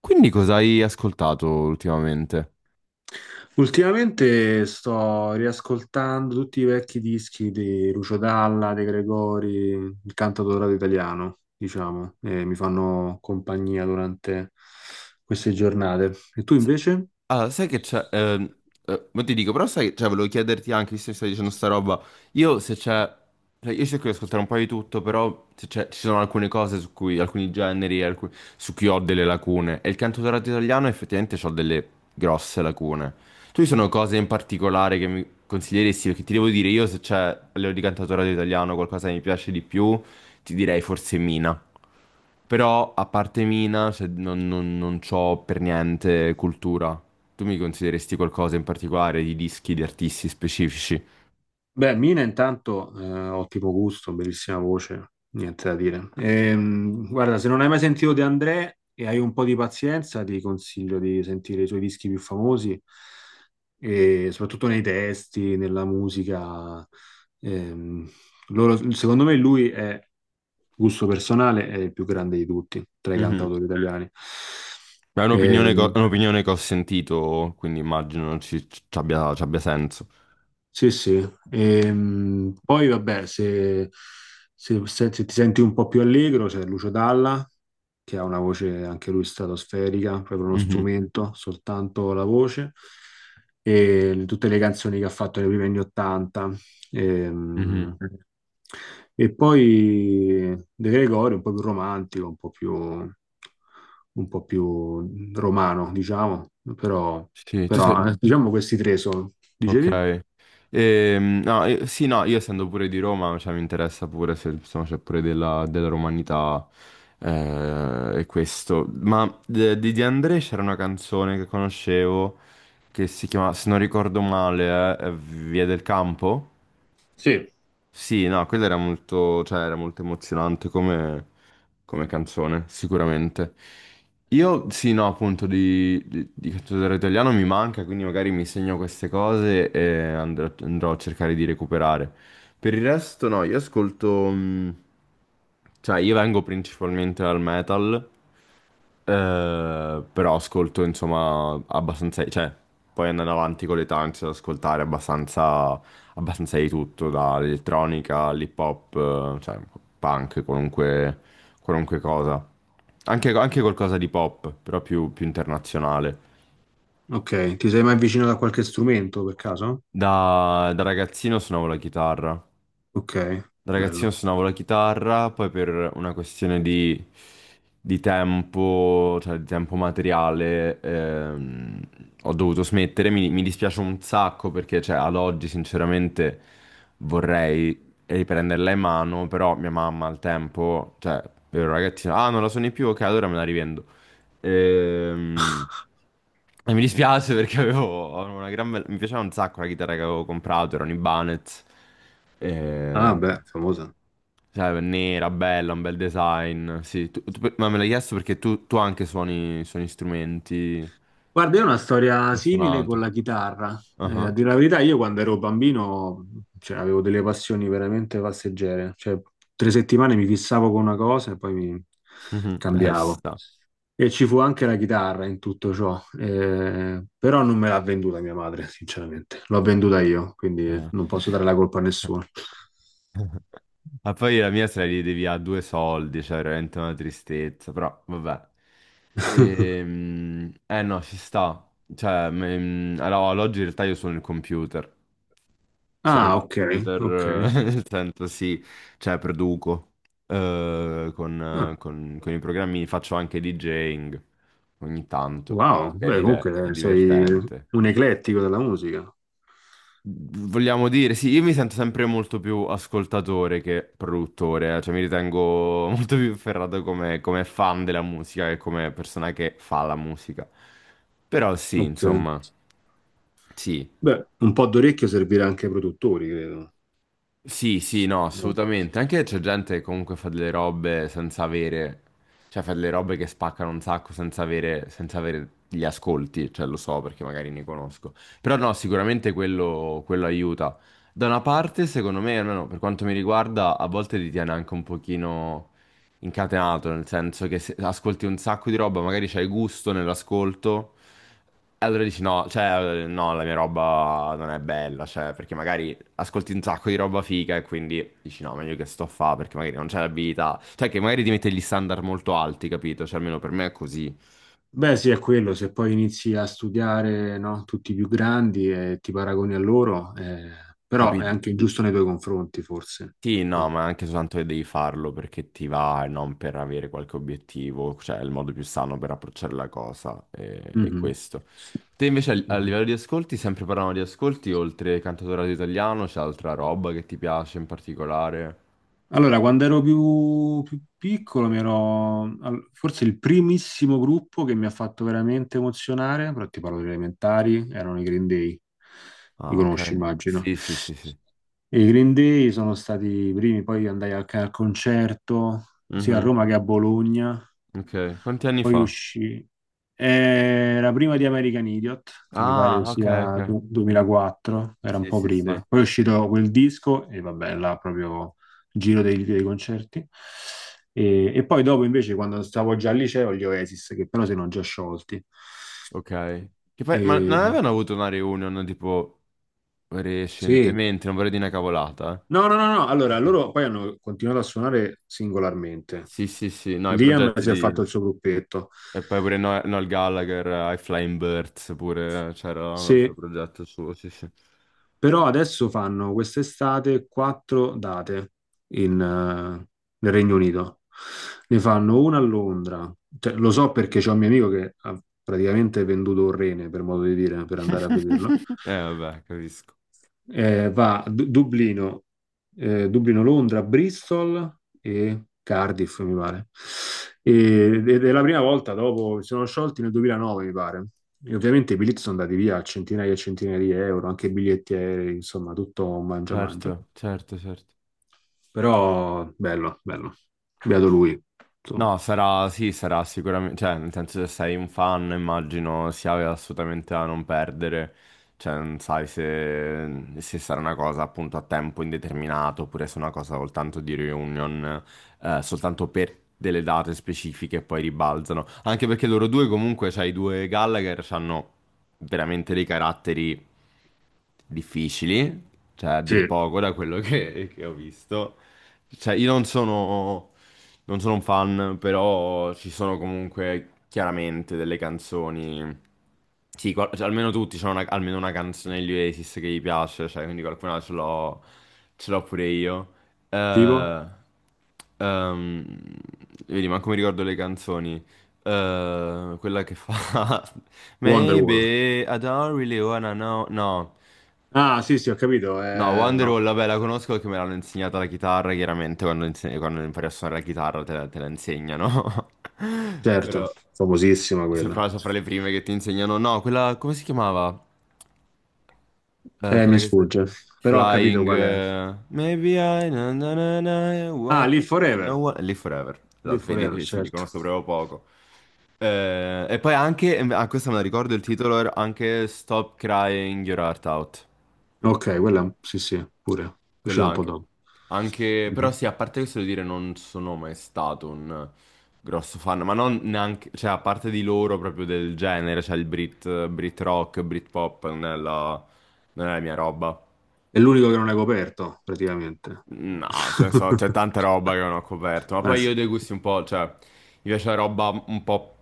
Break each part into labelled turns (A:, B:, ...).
A: Quindi cosa hai ascoltato ultimamente?
B: Ultimamente sto riascoltando tutti i vecchi dischi di Lucio Dalla, De Gregori, il canto dorato italiano, diciamo, e mi fanno compagnia durante queste giornate. E tu
A: S-
B: invece?
A: Allora, sai che c'è... ma ti dico, però sai, cioè, volevo chiederti anche, visto che stai dicendo sta roba, io se c'è... Cioè, io cerco di ascoltare un po' di tutto, però se c'è- ci sono alcune cose su cui, alcuni generi su cui ho delle lacune. E il cantautorato italiano effettivamente ho delle grosse lacune. Tu ci sono cose in particolare che mi consiglieresti? Perché ti devo dire, io se c'è a livello di cantautorato italiano qualcosa che mi piace di più, ti direi forse Mina. Però a parte Mina, non c'ho per niente cultura. Tu mi consideresti qualcosa in particolare di dischi, di artisti specifici?
B: Beh, Mina intanto, ottimo gusto, bellissima voce, niente da dire. Guarda, se non hai mai sentito De André e hai un po' di pazienza, ti consiglio di sentire i suoi dischi più famosi, e soprattutto nei testi, nella musica. Ehm, Secondo me lui è, gusto personale, è il più grande di tutti, tra i
A: Mhm.
B: cantautori italiani.
A: Ma è
B: Mm.
A: un'opinione che ho sentito, quindi immagino ci abbia senso.
B: Sì, sì. Poi vabbè, se ti senti un po' più allegro, c'è Lucio Dalla, che ha una voce anche lui stratosferica, proprio uno
A: Mhm,
B: strumento, soltanto la voce, e tutte le canzoni che ha fatto nei primi anni Ottanta.
A: mhm.
B: Ehm, E poi De Gregori, un po' più romantico, un po' più romano, diciamo, però,
A: Sì,
B: però diciamo questi tre sono, dicevi?
A: ok. No, sì, no, io essendo pure di Roma, cioè, mi interessa pure se insomma, c'è pure della romanità, e questo. Ma di De André c'era una canzone che conoscevo, che si chiama, se non ricordo male, Via del Campo.
B: Sì.
A: Sì, no, quella era molto, cioè, era molto emozionante come, come canzone, sicuramente. Io, sì, no, appunto, di cantautore italiano mi manca, quindi magari mi segno queste cose e andrò a cercare di recuperare. Per il resto, no, io ascolto... cioè, io vengo principalmente dal metal, però ascolto, insomma, abbastanza... Cioè, poi andando avanti con l'età inizio ad ascoltare abbastanza di tutto, dall'elettronica all'hip hop, cioè punk, qualunque, qualunque cosa. Anche, anche qualcosa di pop, però più, più internazionale.
B: Ok, ti sei mai avvicinato a qualche strumento per caso?
A: Da ragazzino suonavo la chitarra,
B: Ok,
A: da ragazzino
B: bello.
A: suonavo la chitarra, poi per una questione di tempo, cioè di tempo materiale, ho dovuto smettere. Mi dispiace un sacco perché, cioè, ad oggi sinceramente vorrei riprenderla in mano, però mia mamma al tempo, cioè, ero ragazzino, ah, non la suoni più, ok, allora me la rivendo. Ehm, E mi dispiace perché avevo una gran bella... Mi piaceva un sacco la chitarra che avevo comprato, era un Ibanez.
B: Ah,
A: Eh,
B: beh, famosa.
A: cioè, nera, bella, un bel design. Sì, ma me l'hai chiesto perché tu anche suoni, suoni strumenti,
B: Guarda, io ho una storia
A: hai
B: simile con
A: suonato.
B: la chitarra.
A: Ah
B: A
A: ah.
B: dire la verità, io quando ero bambino, cioè, avevo delle passioni veramente passeggere. Cioè, tre settimane mi fissavo con una cosa e poi mi
A: Ci
B: cambiavo.
A: sta.
B: E ci fu anche la chitarra in tutto ciò. Però non me l'ha venduta mia madre, sinceramente. L'ho venduta io, quindi
A: Eh.
B: non posso dare la colpa a nessuno.
A: Ma poi la mia se la ride via a due soldi, cioè veramente una tristezza, però vabbè. No, ci sta. Cioè, allora, ad oggi in realtà io sono il computer. Sono il
B: Ah, ok,
A: computer,
B: ok.
A: nel senso sì, cioè produco, con,
B: Ah,
A: con i programmi, faccio anche DJing ogni tanto,
B: wow,
A: che è,
B: beh, comunque
A: è
B: sei
A: divertente.
B: un eclettico della musica.
A: Vogliamo dire, sì, io mi sento sempre molto più ascoltatore che produttore, cioè mi ritengo molto più ferrato come, come fan della musica che come persona che fa la musica. Però sì,
B: Ok.
A: insomma, sì.
B: Beh, un po' d'orecchio servirà anche ai produttori, credo.
A: Sì, sì, no,
B: No.
A: assolutamente. Anche c'è gente che comunque fa delle robe senza avere, cioè fa delle robe che spaccano un sacco senza avere, senza avere gli ascolti, cioè lo so perché magari ne conosco. Però no, sicuramente quello, quello aiuta. Da una parte, secondo me, almeno per quanto mi riguarda, a volte ti tiene anche un pochino incatenato, nel senso che se ascolti un sacco di roba, magari c'hai gusto nell'ascolto, e allora dici no, cioè no, la mia roba non è bella, cioè perché magari ascolti un sacco di roba figa e quindi dici no, meglio che sto a fa perché magari non c'è l'abilità. Cioè che magari ti mette gli standard molto alti, capito? Cioè almeno per me è così,
B: Beh, sì, è quello, se poi inizi a studiare, no, tutti i più grandi e ti paragoni a loro, però è
A: capito?
B: anche giusto nei tuoi confronti, forse.
A: Sì, no,
B: No.
A: ma anche soltanto che devi farlo perché ti va e non per avere qualche obiettivo, cioè è il modo più sano per approcciare la cosa e è
B: Mhm.
A: questo. Te invece a a
B: Mhm.
A: livello di ascolti, sempre parlando di ascolti, oltre cantautorato italiano, c'è altra roba che ti piace in particolare?
B: Allora, quando ero più, più piccolo, forse il primissimo gruppo che mi ha fatto veramente emozionare, però ti parlo delle elementari, erano i Green Day. Li
A: Ah,
B: conosci,
A: ok.
B: immagino.
A: Sì, sì, sì, sì.
B: I Green Day sono stati i primi, poi andai anche al concerto, sia a
A: Mhm,
B: Roma che a Bologna,
A: ok. Quanti anni
B: poi
A: fa?
B: uscì. Era prima di American Idiot, che mi pare
A: Ah, ok,
B: sia
A: ok.
B: du- 2004, era un
A: Sì,
B: po'
A: sì, sì.
B: prima. Poi è uscito quel disco e vabbè, là proprio giro dei concerti. E poi dopo invece, quando stavo già al liceo, gli Oasis, che però si erano già sciolti.
A: Ok. Che poi, ma non
B: E,
A: avevano avuto una reunion tipo
B: sì,
A: recentemente, non vorrei dire una cavolata.
B: no, no, no, no. Allora,
A: Eh. Ok.
B: loro poi hanno continuato a suonare singolarmente.
A: Sì, sì, sì, no, i
B: Liam
A: progetti
B: si è
A: di...
B: fatto il suo gruppetto.
A: E poi pure Noel Gallagher, I Flying Birds, pure c'era un altro
B: Se-
A: progetto suo, sì, sì.
B: Però adesso fanno quest'estate quattro date in, eh, nel Regno Unito. Ne fanno una a Londra. Cioè, lo so perché c'è un mio amico che ha praticamente venduto un rene, per modo di dire, per andare a vederlo.
A: Vabbè, capisco.
B: Dublino, Dublino, Londra, Bristol e Cardiff, mi pare. Ed è la prima volta dopo, si sono sciolti nel 2009, mi pare. E ovviamente i biglietti sono andati via a centinaia e centinaia di euro, anche i biglietti aerei, insomma, tutto un mangia mangia.
A: Certo, certo, certo.
B: Però bello, bello. Beato lui, insomma.
A: No, sarà, sì, sarà sicuramente, cioè, nel senso se sei un fan, immagino sia assolutamente da non perdere, cioè, non sai se sarà una cosa appunto a tempo indeterminato oppure se è una cosa soltanto di reunion, soltanto per delle date specifiche e poi ribalzano, anche perché loro due comunque, cioè, i due Gallagher hanno veramente dei caratteri difficili, cioè, a
B: Sì,
A: dir poco da quello che ho visto. Cioè, io non sono non sono un fan, però ci sono comunque chiaramente delle canzoni. Sì, cioè, almeno tutti almeno una canzone degli Oasis che gli piace, cioè, quindi qualcuna ce l'ho pure io.
B: tipo
A: Eh, ehm, vedi, ma come ricordo le canzoni? Quella che fa
B: Wonderwall.
A: Maybe I don't really wanna know. No.
B: Ah, sì, sì, ho capito.
A: No,
B: No,
A: Wonderwall, vabbè, la conosco perché me l'hanno insegnata la chitarra, chiaramente quando, quando impari a suonare la chitarra te la insegnano.
B: certo,
A: Però
B: famosissima
A: se
B: quella.
A: fra, so fra le prime che ti insegnano, no, quella, come si chiamava? Quella
B: Mi
A: che...
B: sfugge, però ho capito
A: Flying...
B: qual è.
A: Maybe I... na na na na, I
B: Ah,
A: wanna
B: Live
A: live, I
B: Forever.
A: don't wanna live forever.
B: Live
A: Esatto,
B: Forever,
A: vedi, sì, li
B: certo.
A: conosco proprio poco. E poi anche, ah, questa me la ricordo, il titolo era anche Stop Crying Your Heart Out.
B: Ok, quella sì, sì, pure. È
A: Quella
B: uscita un po'
A: anche.
B: dopo.
A: Anche, però
B: Mhm.
A: sì, a parte questo devo dire, non sono mai stato un grosso fan, ma non neanche, cioè a parte di loro proprio del genere, cioè il Brit rock, Brit pop, non è la, non è la mia roba.
B: È l'unico che non è coperto, praticamente.
A: No, ce ne so, c'è tanta roba che non ho coperto, ma poi
B: Sì.
A: io ho dei gusti un po', cioè, mi piace la roba un po'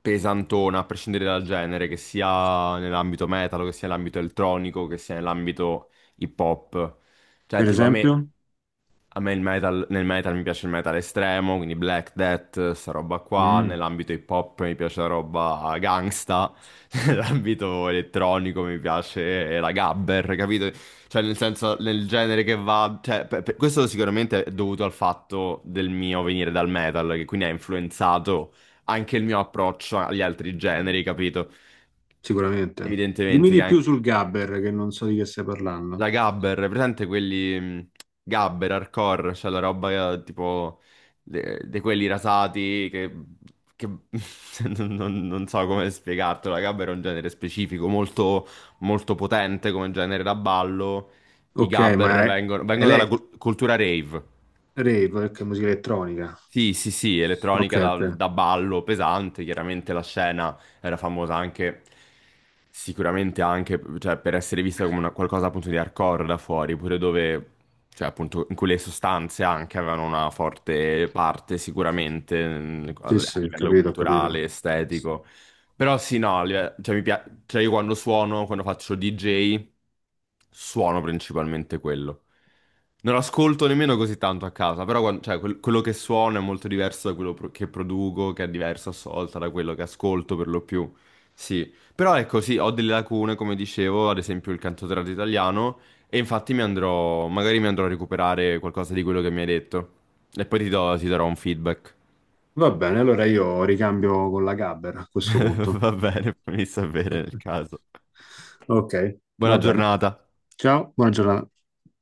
A: pesantona, a prescindere dal genere, che sia nell'ambito metal, che sia nell'ambito elettronico, che sia nell'ambito hip hop. Cioè,
B: Per
A: tipo,
B: esempio?
A: a me il metal, nel metal mi piace il metal estremo, quindi Black Death, sta roba qua,
B: Mm,
A: nell'ambito hip hop mi piace la roba gangsta, nell'ambito elettronico mi piace la gabber, capito? Cioè nel senso, nel genere che va... Cioè, questo sicuramente è dovuto al fatto del mio venire dal metal, che quindi ha influenzato anche il mio approccio agli altri generi, capito?
B: sicuramente. Dimmi
A: Evidentemente,
B: di più sul Gabber, che non so di che stai parlando.
A: la gabber, è presente quelli gabber, hardcore, cioè la roba tipo di quelli rasati che, che- non so come spiegartelo, la gabber è un genere specifico, molto, molto potente come genere da ballo. I
B: Ok, ma
A: gabber
B: è
A: vengono dalla
B: Elect
A: cultura rave.
B: Rave, che è musica elettronica.
A: Sì, sì, sì,
B: Ok,
A: elettronica
B: ok.
A: da ballo pesante, chiaramente la scena era famosa anche, sicuramente anche, cioè, per essere vista come qualcosa appunto di hardcore da fuori, pure dove, cioè appunto, in cui le sostanze anche avevano una forte parte sicuramente a
B: Sì,
A: a
B: sì,
A: livello
B: capito, capito.
A: culturale, estetico. Però sì, no, cioè, cioè io quando suono, quando faccio DJ, suono principalmente quello. Non ascolto nemmeno così tanto a casa, però cioè, quello che suono è molto diverso da quello che produco, che è diverso a sua da quello che ascolto per lo più. Sì, però ecco, sì, ho delle lacune, come dicevo, ad esempio il cantautorato italiano, e infatti mi andrò, magari mi andrò a recuperare qualcosa di quello che mi hai detto. E poi ti ti darò un feedback.
B: Va bene, allora io ricambio con la Gabber a questo punto.
A: Va bene, fammi sapere nel caso.
B: Ok,
A: Buona
B: va bene.
A: giornata.
B: Ciao, buona giornata.